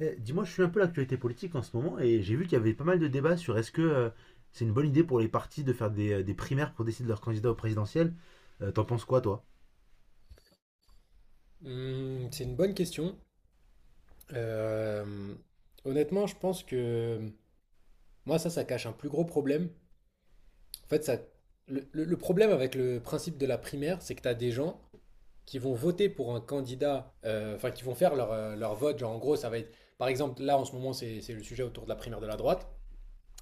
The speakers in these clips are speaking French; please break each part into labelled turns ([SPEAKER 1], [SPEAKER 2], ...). [SPEAKER 1] Eh, dis-moi, je suis un peu l'actualité politique en ce moment et j'ai vu qu'il y avait pas mal de débats sur est-ce que c'est une bonne idée pour les partis de faire des primaires pour décider de leur candidat au présidentiel. T'en penses quoi, toi?
[SPEAKER 2] C'est une bonne question. Euh, Honnêtement, je pense que moi, ça cache un plus gros problème. En fait, ça, le problème avec le principe de la primaire, c'est que tu as des gens qui vont voter pour un candidat, enfin, qui vont faire leur, leur vote. Genre, en gros, ça va être, par exemple, là, en ce moment, c'est le sujet autour de la primaire de la droite.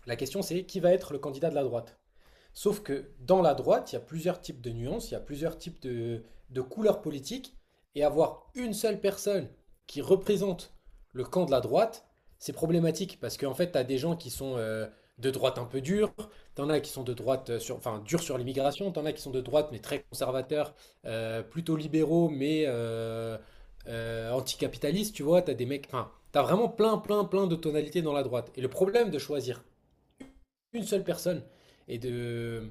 [SPEAKER 2] La question, c'est qui va être le candidat de la droite? Sauf que dans la droite, il y a plusieurs types de nuances, il y a plusieurs types de couleurs politiques, et avoir une seule personne qui représente le camp de la droite, c'est problématique, parce qu'en fait, tu as des gens qui sont de droite un peu durs, t'en as qui sont de droite, sur, enfin, durs sur l'immigration, t'en as qui sont de droite, mais très conservateurs, plutôt libéraux, mais anticapitalistes, tu vois, t'as des mecs, enfin, t'as vraiment plein, plein, plein de tonalités dans la droite. Et le problème de choisir une seule personne. Et de...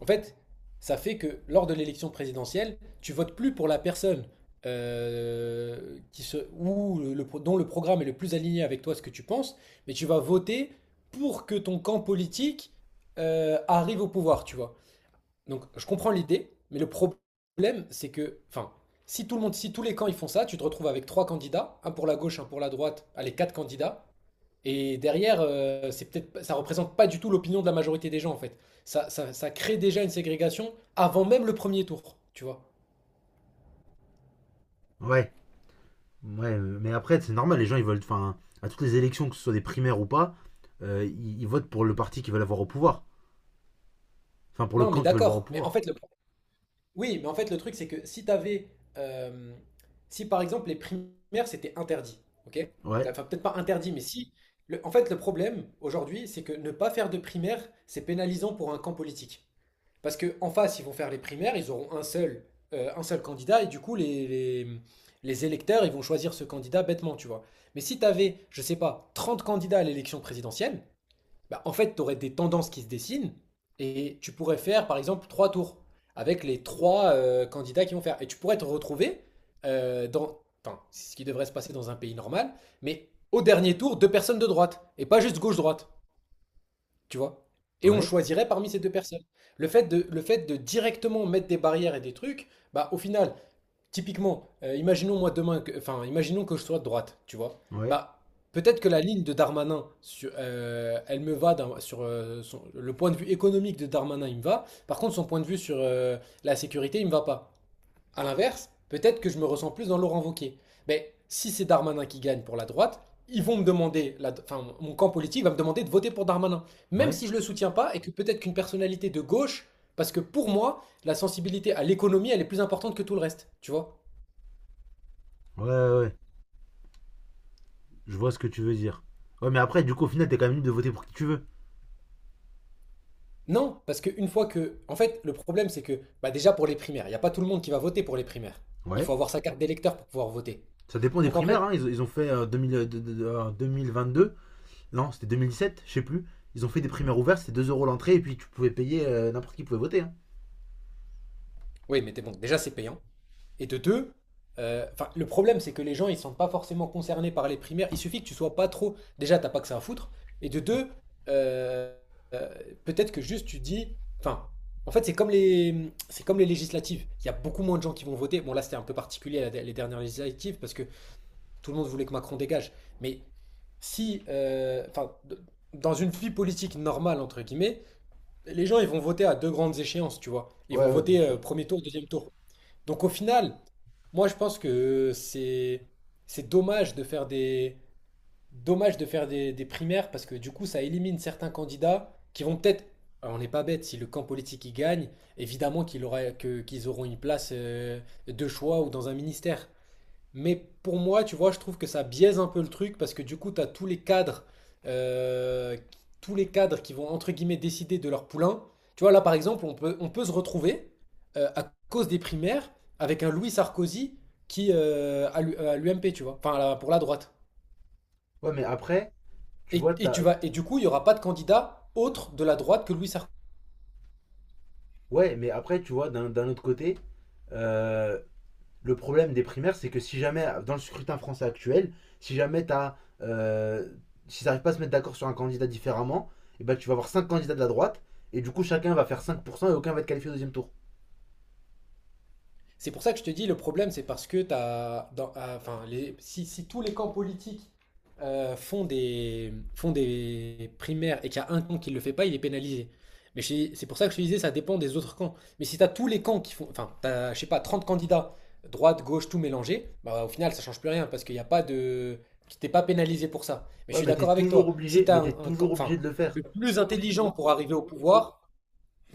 [SPEAKER 2] En fait, ça fait que lors de l'élection présidentielle, tu votes plus pour la personne qui se, ou le, dont le programme est le plus aligné avec toi, ce que tu penses, mais tu vas voter pour que ton camp politique arrive au pouvoir, tu vois. Donc, je comprends l'idée, mais le problème, c'est que, enfin, si tout le monde, si tous les camps ils font ça, tu te retrouves avec trois candidats, un pour la gauche, un pour la droite, allez, quatre candidats, et derrière, c'est peut-être, ça représente pas du tout l'opinion de la majorité des gens, en fait. Ça crée déjà une ségrégation avant même le premier tour, tu vois.
[SPEAKER 1] Ouais, ouais, mais après, c'est normal, les gens ils veulent. Enfin, à toutes les élections, que ce soit des primaires ou pas, ils votent pour le parti qu'ils veulent avoir au pouvoir. Enfin, pour le
[SPEAKER 2] Non, mais
[SPEAKER 1] camp qu'ils veulent voir au
[SPEAKER 2] d'accord. Mais en
[SPEAKER 1] pouvoir.
[SPEAKER 2] fait, le, oui, mais en fait, le truc, c'est que si t'avais, euh, si par exemple les primaires c'était interdit, ok?
[SPEAKER 1] Ouais,
[SPEAKER 2] Enfin, peut-être pas interdit, mais si. En fait, le problème aujourd'hui, c'est que ne pas faire de primaire, c'est pénalisant pour un camp politique. Parce qu'en face, ils vont faire les primaires, ils auront un seul candidat, et du coup, les électeurs, ils vont choisir ce candidat bêtement, tu vois. Mais si tu avais, je sais pas, 30 candidats à l'élection présidentielle, bah, en fait, tu aurais des tendances qui se dessinent, et tu pourrais faire, par exemple, trois tours avec les trois candidats qui vont faire. Et tu pourrais te retrouver dans, enfin, c'est ce qui devrait se passer dans un pays normal, mais au dernier tour, deux personnes de droite, et pas juste gauche-droite. Tu vois? Et on
[SPEAKER 1] ouais,
[SPEAKER 2] choisirait parmi ces deux personnes. Le fait de directement mettre des barrières et des trucs, bah au final, typiquement, imaginons moi demain, enfin, imaginons que je sois de droite, tu vois?
[SPEAKER 1] ouais,
[SPEAKER 2] Bah peut-être que la ligne de Darmanin, elle me va sur le point de vue économique de Darmanin, il me va. Par contre, son point de vue sur la sécurité, il me va pas. À l'inverse, peut-être que je me ressens plus dans Laurent Wauquiez. Mais si c'est Darmanin qui gagne pour la droite, ils vont me demander, enfin, mon camp politique va me demander de voter pour Darmanin, même
[SPEAKER 1] ouais,
[SPEAKER 2] si je ne le soutiens pas et que peut-être qu'une personnalité de gauche, parce que pour moi, la sensibilité à l'économie, elle est plus importante que tout le reste, tu vois?
[SPEAKER 1] ouais, ouais, ouais. Je vois ce que tu veux dire. Ouais, mais après, du coup, au final, t'es quand même libre de voter pour qui tu veux.
[SPEAKER 2] Non, parce qu'une fois que, en fait, le problème, c'est que, bah déjà pour les primaires, il n'y a pas tout le monde qui va voter pour les primaires. Il
[SPEAKER 1] Ouais.
[SPEAKER 2] faut avoir sa carte d'électeur pour pouvoir voter.
[SPEAKER 1] Ça dépend des
[SPEAKER 2] Donc en
[SPEAKER 1] primaires,
[SPEAKER 2] fait,
[SPEAKER 1] hein. Ils ont fait 2000 de- en 2022. Non, c'était 2017, je sais plus. Ils ont fait des primaires ouvertes, c'était 2 euros l'entrée et puis tu pouvais payer, n'importe qui pouvait voter, hein.
[SPEAKER 2] oui, mais t'es bon, déjà c'est payant. Et de deux, enfin, le problème, c'est que les gens, ils sont pas forcément concernés par les primaires. Il suffit que tu sois pas trop. Déjà, t'as pas que ça à foutre. Et de deux, euh, euh, peut-être que juste tu dis. Enfin, en fait, c'est comme les législatives. Il y a beaucoup moins de gens qui vont voter. Bon, là, c'était un peu particulier les dernières législatives parce que tout le monde voulait que Macron dégage. Mais si, enfin, dans une vie politique normale entre guillemets, les gens, ils vont voter à deux grandes échéances, tu vois. Ils vont
[SPEAKER 1] Ouais, ouais, bien
[SPEAKER 2] voter
[SPEAKER 1] sûr.
[SPEAKER 2] premier tour, deuxième tour. Donc au final, moi je pense que c'est dommage de faire des dommage de faire des primaires parce que du coup ça élimine certains candidats qui vont peut-être alors, on n'est pas bête si le camp politique y gagne, évidemment qu'il aura que qu'ils auront une place de choix ou dans un ministère. Mais pour moi, tu vois, je trouve que ça biaise un peu le truc parce que du coup, tu as euh, tous les cadres qui vont entre guillemets décider de leur poulain. Tu vois, là par exemple, on peut se retrouver à cause des primaires avec un Louis Sarkozy qui à à l'UMP, tu vois, enfin à pour la droite.
[SPEAKER 1] Ouais, mais après, tu vois,
[SPEAKER 2] Et tu
[SPEAKER 1] t'as...
[SPEAKER 2] vas, et du coup, il n'y aura pas de candidat autre de la droite que Louis Sarkozy.
[SPEAKER 1] Ouais, mais après, tu vois, d'un autre côté, euh, le problème des primaires, c'est que si jamais, dans le scrutin français actuel, si jamais t'as. Euh, S'ils n'arrivent pas à se mettre d'accord sur un candidat différemment, et ben tu vas avoir 5 candidats de la droite, et du coup, chacun va faire 5% et aucun va être qualifié au deuxième tour.
[SPEAKER 2] C'est pour ça que je te dis, le problème, c'est parce que t'as, ah, enfin, les, si, si tous les camps politiques font des primaires et qu'il y a un camp qui ne le fait pas, il est pénalisé. Mais c'est pour ça que je te disais, ça dépend des autres camps. Mais si tu as tous les camps qui font, enfin, t'as, je sais pas, 30 candidats, droite, gauche, tout mélangé, bah, au final, ça change plus rien parce qu'il n'y a pas de, tu t'es pas pénalisé pour ça. Mais je
[SPEAKER 1] Ouais,
[SPEAKER 2] suis
[SPEAKER 1] mais t'es
[SPEAKER 2] d'accord avec
[SPEAKER 1] toujours
[SPEAKER 2] toi. Si
[SPEAKER 1] obligé,
[SPEAKER 2] tu as
[SPEAKER 1] mais t'es
[SPEAKER 2] un camp,
[SPEAKER 1] toujours obligé
[SPEAKER 2] enfin,
[SPEAKER 1] de le faire.
[SPEAKER 2] le plus intelligent pour arriver au pouvoir,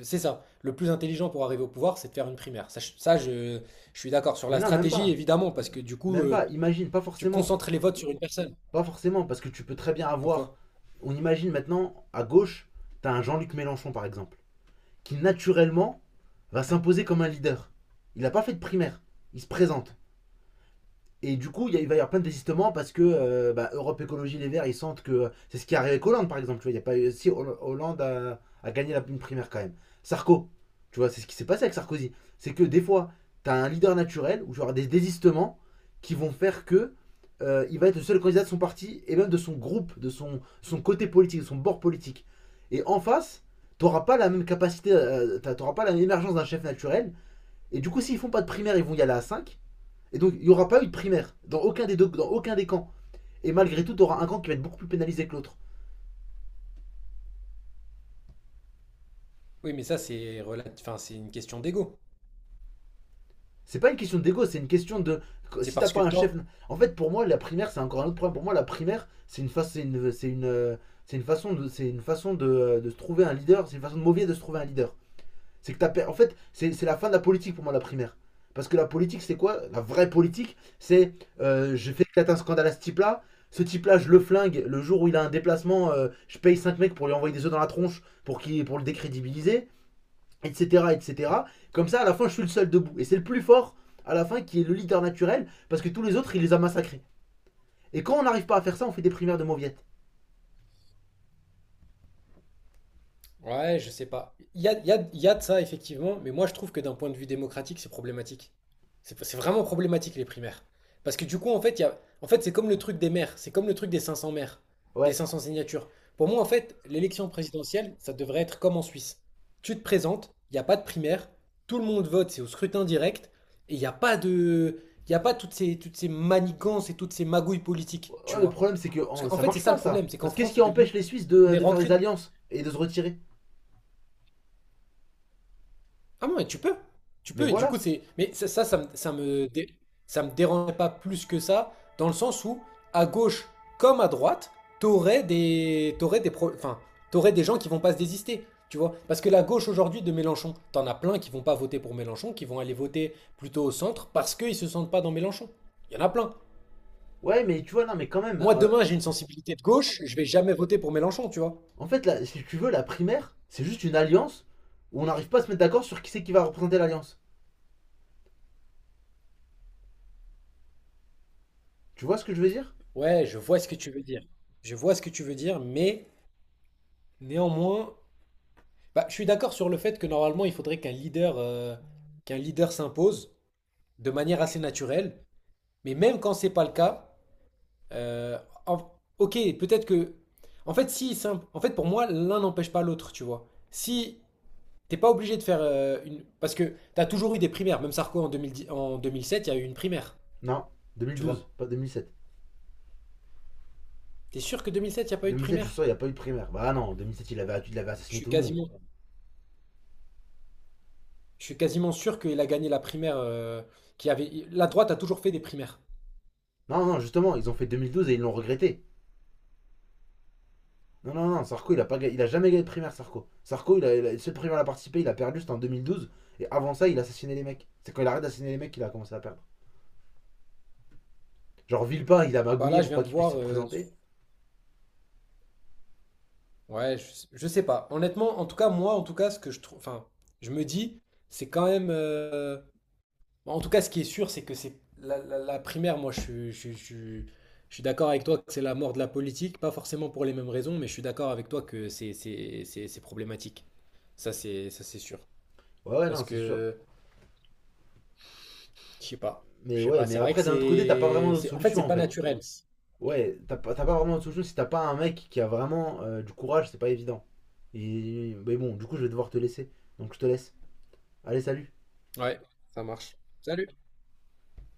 [SPEAKER 2] c'est ça. Le plus intelligent pour arriver au pouvoir, c'est de faire une primaire. Ça, je, ça, je suis d'accord. Sur
[SPEAKER 1] Mais
[SPEAKER 2] la
[SPEAKER 1] non, même
[SPEAKER 2] stratégie,
[SPEAKER 1] pas.
[SPEAKER 2] évidemment, parce que du coup,
[SPEAKER 1] Même pas, imagine, pas
[SPEAKER 2] tu
[SPEAKER 1] forcément.
[SPEAKER 2] concentres les votes sur une personne.
[SPEAKER 1] Pas forcément, parce que tu peux très bien
[SPEAKER 2] Pourquoi?
[SPEAKER 1] avoir... On imagine maintenant, à gauche, t'as un Jean-Luc Mélenchon, par exemple, qui naturellement va s'imposer comme un leader. Il n'a pas fait de primaire. Il se présente. Et du coup, il va y avoir plein de désistements parce que Europe Écologie Les Verts, ils sentent que c'est ce qui arrive arrivé avec Hollande, par exemple. Tu vois, il y a pas eu- si Hollande a gagné la une primaire quand même. Sarko, tu vois, c'est ce qui s'est passé avec Sarkozy. C'est que des fois, tu as un leader naturel ou auras des désistements qui vont faire que il va être le seul candidat de son parti et même de son groupe, de son côté politique, de son bord politique. Et en face, tu n'auras pas la même capacité, tu n'auras pas l'émergence d'un chef naturel. Et du coup, s'ils font pas de primaire, ils vont y aller à 5. Et donc, il n'y aura pas eu de primaire dans aucun des camps. Et malgré tout, tu auras un camp qui va être beaucoup plus pénalisé que l'autre.
[SPEAKER 2] Oui, mais ça, c'est enfin, c'est une question d'ego.
[SPEAKER 1] C'est pas une question d'ego, c'est une question de
[SPEAKER 2] C'est
[SPEAKER 1] si t'as
[SPEAKER 2] parce que
[SPEAKER 1] pas un chef.
[SPEAKER 2] toi...
[SPEAKER 1] En fait, pour moi, la primaire, c'est encore un autre problème. Pour moi, la primaire, c'est une façon c'est une façon de se trouver un leader, c'est une façon de mauvais de se trouver un leader. C'est que t'as En fait, c'est la fin de la politique pour moi, la primaire. Parce que la politique, c'est quoi? La vraie politique, c'est je fais éclater un scandale à ce type-là. Ce type-là, je le flingue. Le jour où il a un déplacement, je paye 5 mecs pour lui envoyer des œufs dans la tronche pour le décrédibiliser, etc., etc. Comme ça, à la fin, je suis le seul debout. Et c'est le plus fort, à la fin, qui est le leader naturel, parce que tous les autres, il les a massacrés. Et quand on n'arrive pas à faire ça, on fait des primaires de mauviettes.
[SPEAKER 2] Ouais, je sais pas. Il y a, il y a de ça, effectivement, mais moi je trouve que d'un point de vue démocratique, c'est problématique. C'est vraiment problématique les primaires. Parce que du coup, en fait, il y a, en fait, c'est comme le truc des maires, c'est comme le truc des 500 maires, des cinq
[SPEAKER 1] Ouais.
[SPEAKER 2] cents signatures. Pour moi, en fait, l'élection présidentielle, ça devrait être comme en Suisse. Tu te présentes, il n'y a pas de primaire, tout le monde vote, c'est au scrutin direct, et il n'y a pas de, il y a pas toutes ces, toutes ces manigances et toutes ces magouilles politiques, tu
[SPEAKER 1] Ouais, le
[SPEAKER 2] vois.
[SPEAKER 1] problème, c'est que
[SPEAKER 2] Parce
[SPEAKER 1] oh,
[SPEAKER 2] qu'en
[SPEAKER 1] ça
[SPEAKER 2] fait, c'est
[SPEAKER 1] marche
[SPEAKER 2] ça
[SPEAKER 1] pas,
[SPEAKER 2] le
[SPEAKER 1] ça.
[SPEAKER 2] problème, c'est qu'en
[SPEAKER 1] Parce qu'est-ce
[SPEAKER 2] France,
[SPEAKER 1] qui
[SPEAKER 2] c'est
[SPEAKER 1] empêche
[SPEAKER 2] devenu,
[SPEAKER 1] les Suisses
[SPEAKER 2] on est
[SPEAKER 1] de faire
[SPEAKER 2] rentré
[SPEAKER 1] des alliances et de se retirer?
[SPEAKER 2] Ah non, mais tu peux. Tu
[SPEAKER 1] Mais
[SPEAKER 2] peux, et du coup,
[SPEAKER 1] voilà.
[SPEAKER 2] c'est. Mais ça me ça me dérangerait pas plus que ça, dans le sens où, à gauche comme à droite, t'aurais des. T'aurais des enfin, t'aurais des gens qui vont pas se désister. Tu vois? Parce que la gauche aujourd'hui de Mélenchon, t'en as plein qui vont pas voter pour Mélenchon, qui vont aller voter plutôt au centre parce qu'ils se sentent pas dans Mélenchon. Il y en a plein.
[SPEAKER 1] Ouais, mais tu vois, non, mais quand même,
[SPEAKER 2] Moi, demain, j'ai une sensibilité de gauche, je vais jamais voter pour Mélenchon, tu vois?
[SPEAKER 1] en fait, là, si tu veux, la primaire, c'est juste une alliance où on n'arrive pas à se mettre d'accord sur qui c'est qui va représenter l'alliance. Tu vois ce que je veux dire?
[SPEAKER 2] Ouais, je vois ce que tu veux dire. Je vois ce que tu veux dire, mais néanmoins. Bah, je suis d'accord sur le fait que normalement, il faudrait qu'un leader s'impose de manière assez naturelle. Mais même quand c'est pas le cas, euh, en- ok, peut-être que, en fait, si, en fait, pour moi, l'un n'empêche pas l'autre, tu vois. Si t'es pas obligé de faire une, parce que t'as toujours eu des primaires. Même Sarko en 2010 en 2007, il y a eu une primaire,
[SPEAKER 1] Non,
[SPEAKER 2] tu
[SPEAKER 1] 2012,
[SPEAKER 2] vois.
[SPEAKER 1] pas 2007.
[SPEAKER 2] T'es sûr que 2007, il n'y a pas eu de
[SPEAKER 1] 2007, je suis
[SPEAKER 2] primaire?
[SPEAKER 1] sûr, il n'y a pas eu de primaire. Bah non, 2007, il avait
[SPEAKER 2] Je
[SPEAKER 1] assassiné
[SPEAKER 2] suis
[SPEAKER 1] tout le monde.
[SPEAKER 2] quasiment, je suis quasiment sûr qu'il a gagné la primaire qui avait. La droite a toujours fait des primaires.
[SPEAKER 1] Non, non, justement, ils ont fait 2012 et ils l'ont regretté. Non, non, non, Sarko, il a jamais gagné de primaire, Sarko. Sarko, le seul primaire à participé, il a perdu, c'était en 2012. Et avant ça, il a assassiné les mecs. C'est quand il arrête d'assassiner les mecs qu'il a commencé à perdre. Genre, Villepin, il a
[SPEAKER 2] Bah
[SPEAKER 1] magouillé
[SPEAKER 2] là, je
[SPEAKER 1] pour pas
[SPEAKER 2] viens de
[SPEAKER 1] qu'il puisse
[SPEAKER 2] voir.
[SPEAKER 1] se présenter.
[SPEAKER 2] Ouais, je sais pas. Honnêtement, en tout cas, moi, en tout cas, ce que je trouve, enfin, je me dis, c'est quand même. En tout cas, ce qui est sûr, c'est que c'est la, la primaire. Moi, je suis d'accord avec toi que c'est la mort de la politique, pas forcément pour les mêmes raisons, mais je suis d'accord avec toi que c'est problématique. Ça, c'est sûr.
[SPEAKER 1] Ouais, ouais, non,
[SPEAKER 2] Parce
[SPEAKER 1] c'est sûr.
[SPEAKER 2] que, je sais pas,
[SPEAKER 1] Mais
[SPEAKER 2] je sais
[SPEAKER 1] ouais,
[SPEAKER 2] pas.
[SPEAKER 1] mais
[SPEAKER 2] C'est vrai que
[SPEAKER 1] après, d'un autre côté, t'as pas vraiment d'autre
[SPEAKER 2] c'est, en fait,
[SPEAKER 1] solution
[SPEAKER 2] c'est
[SPEAKER 1] en
[SPEAKER 2] pas
[SPEAKER 1] fait.
[SPEAKER 2] naturel.
[SPEAKER 1] Ouais, t'as pas vraiment d'autre solution si t'as pas un mec qui a vraiment du courage, c'est pas évident. Et, mais bon, du coup, je vais devoir te laisser. Donc, je te laisse. Allez, salut.
[SPEAKER 2] Ouais, ça marche. Salut.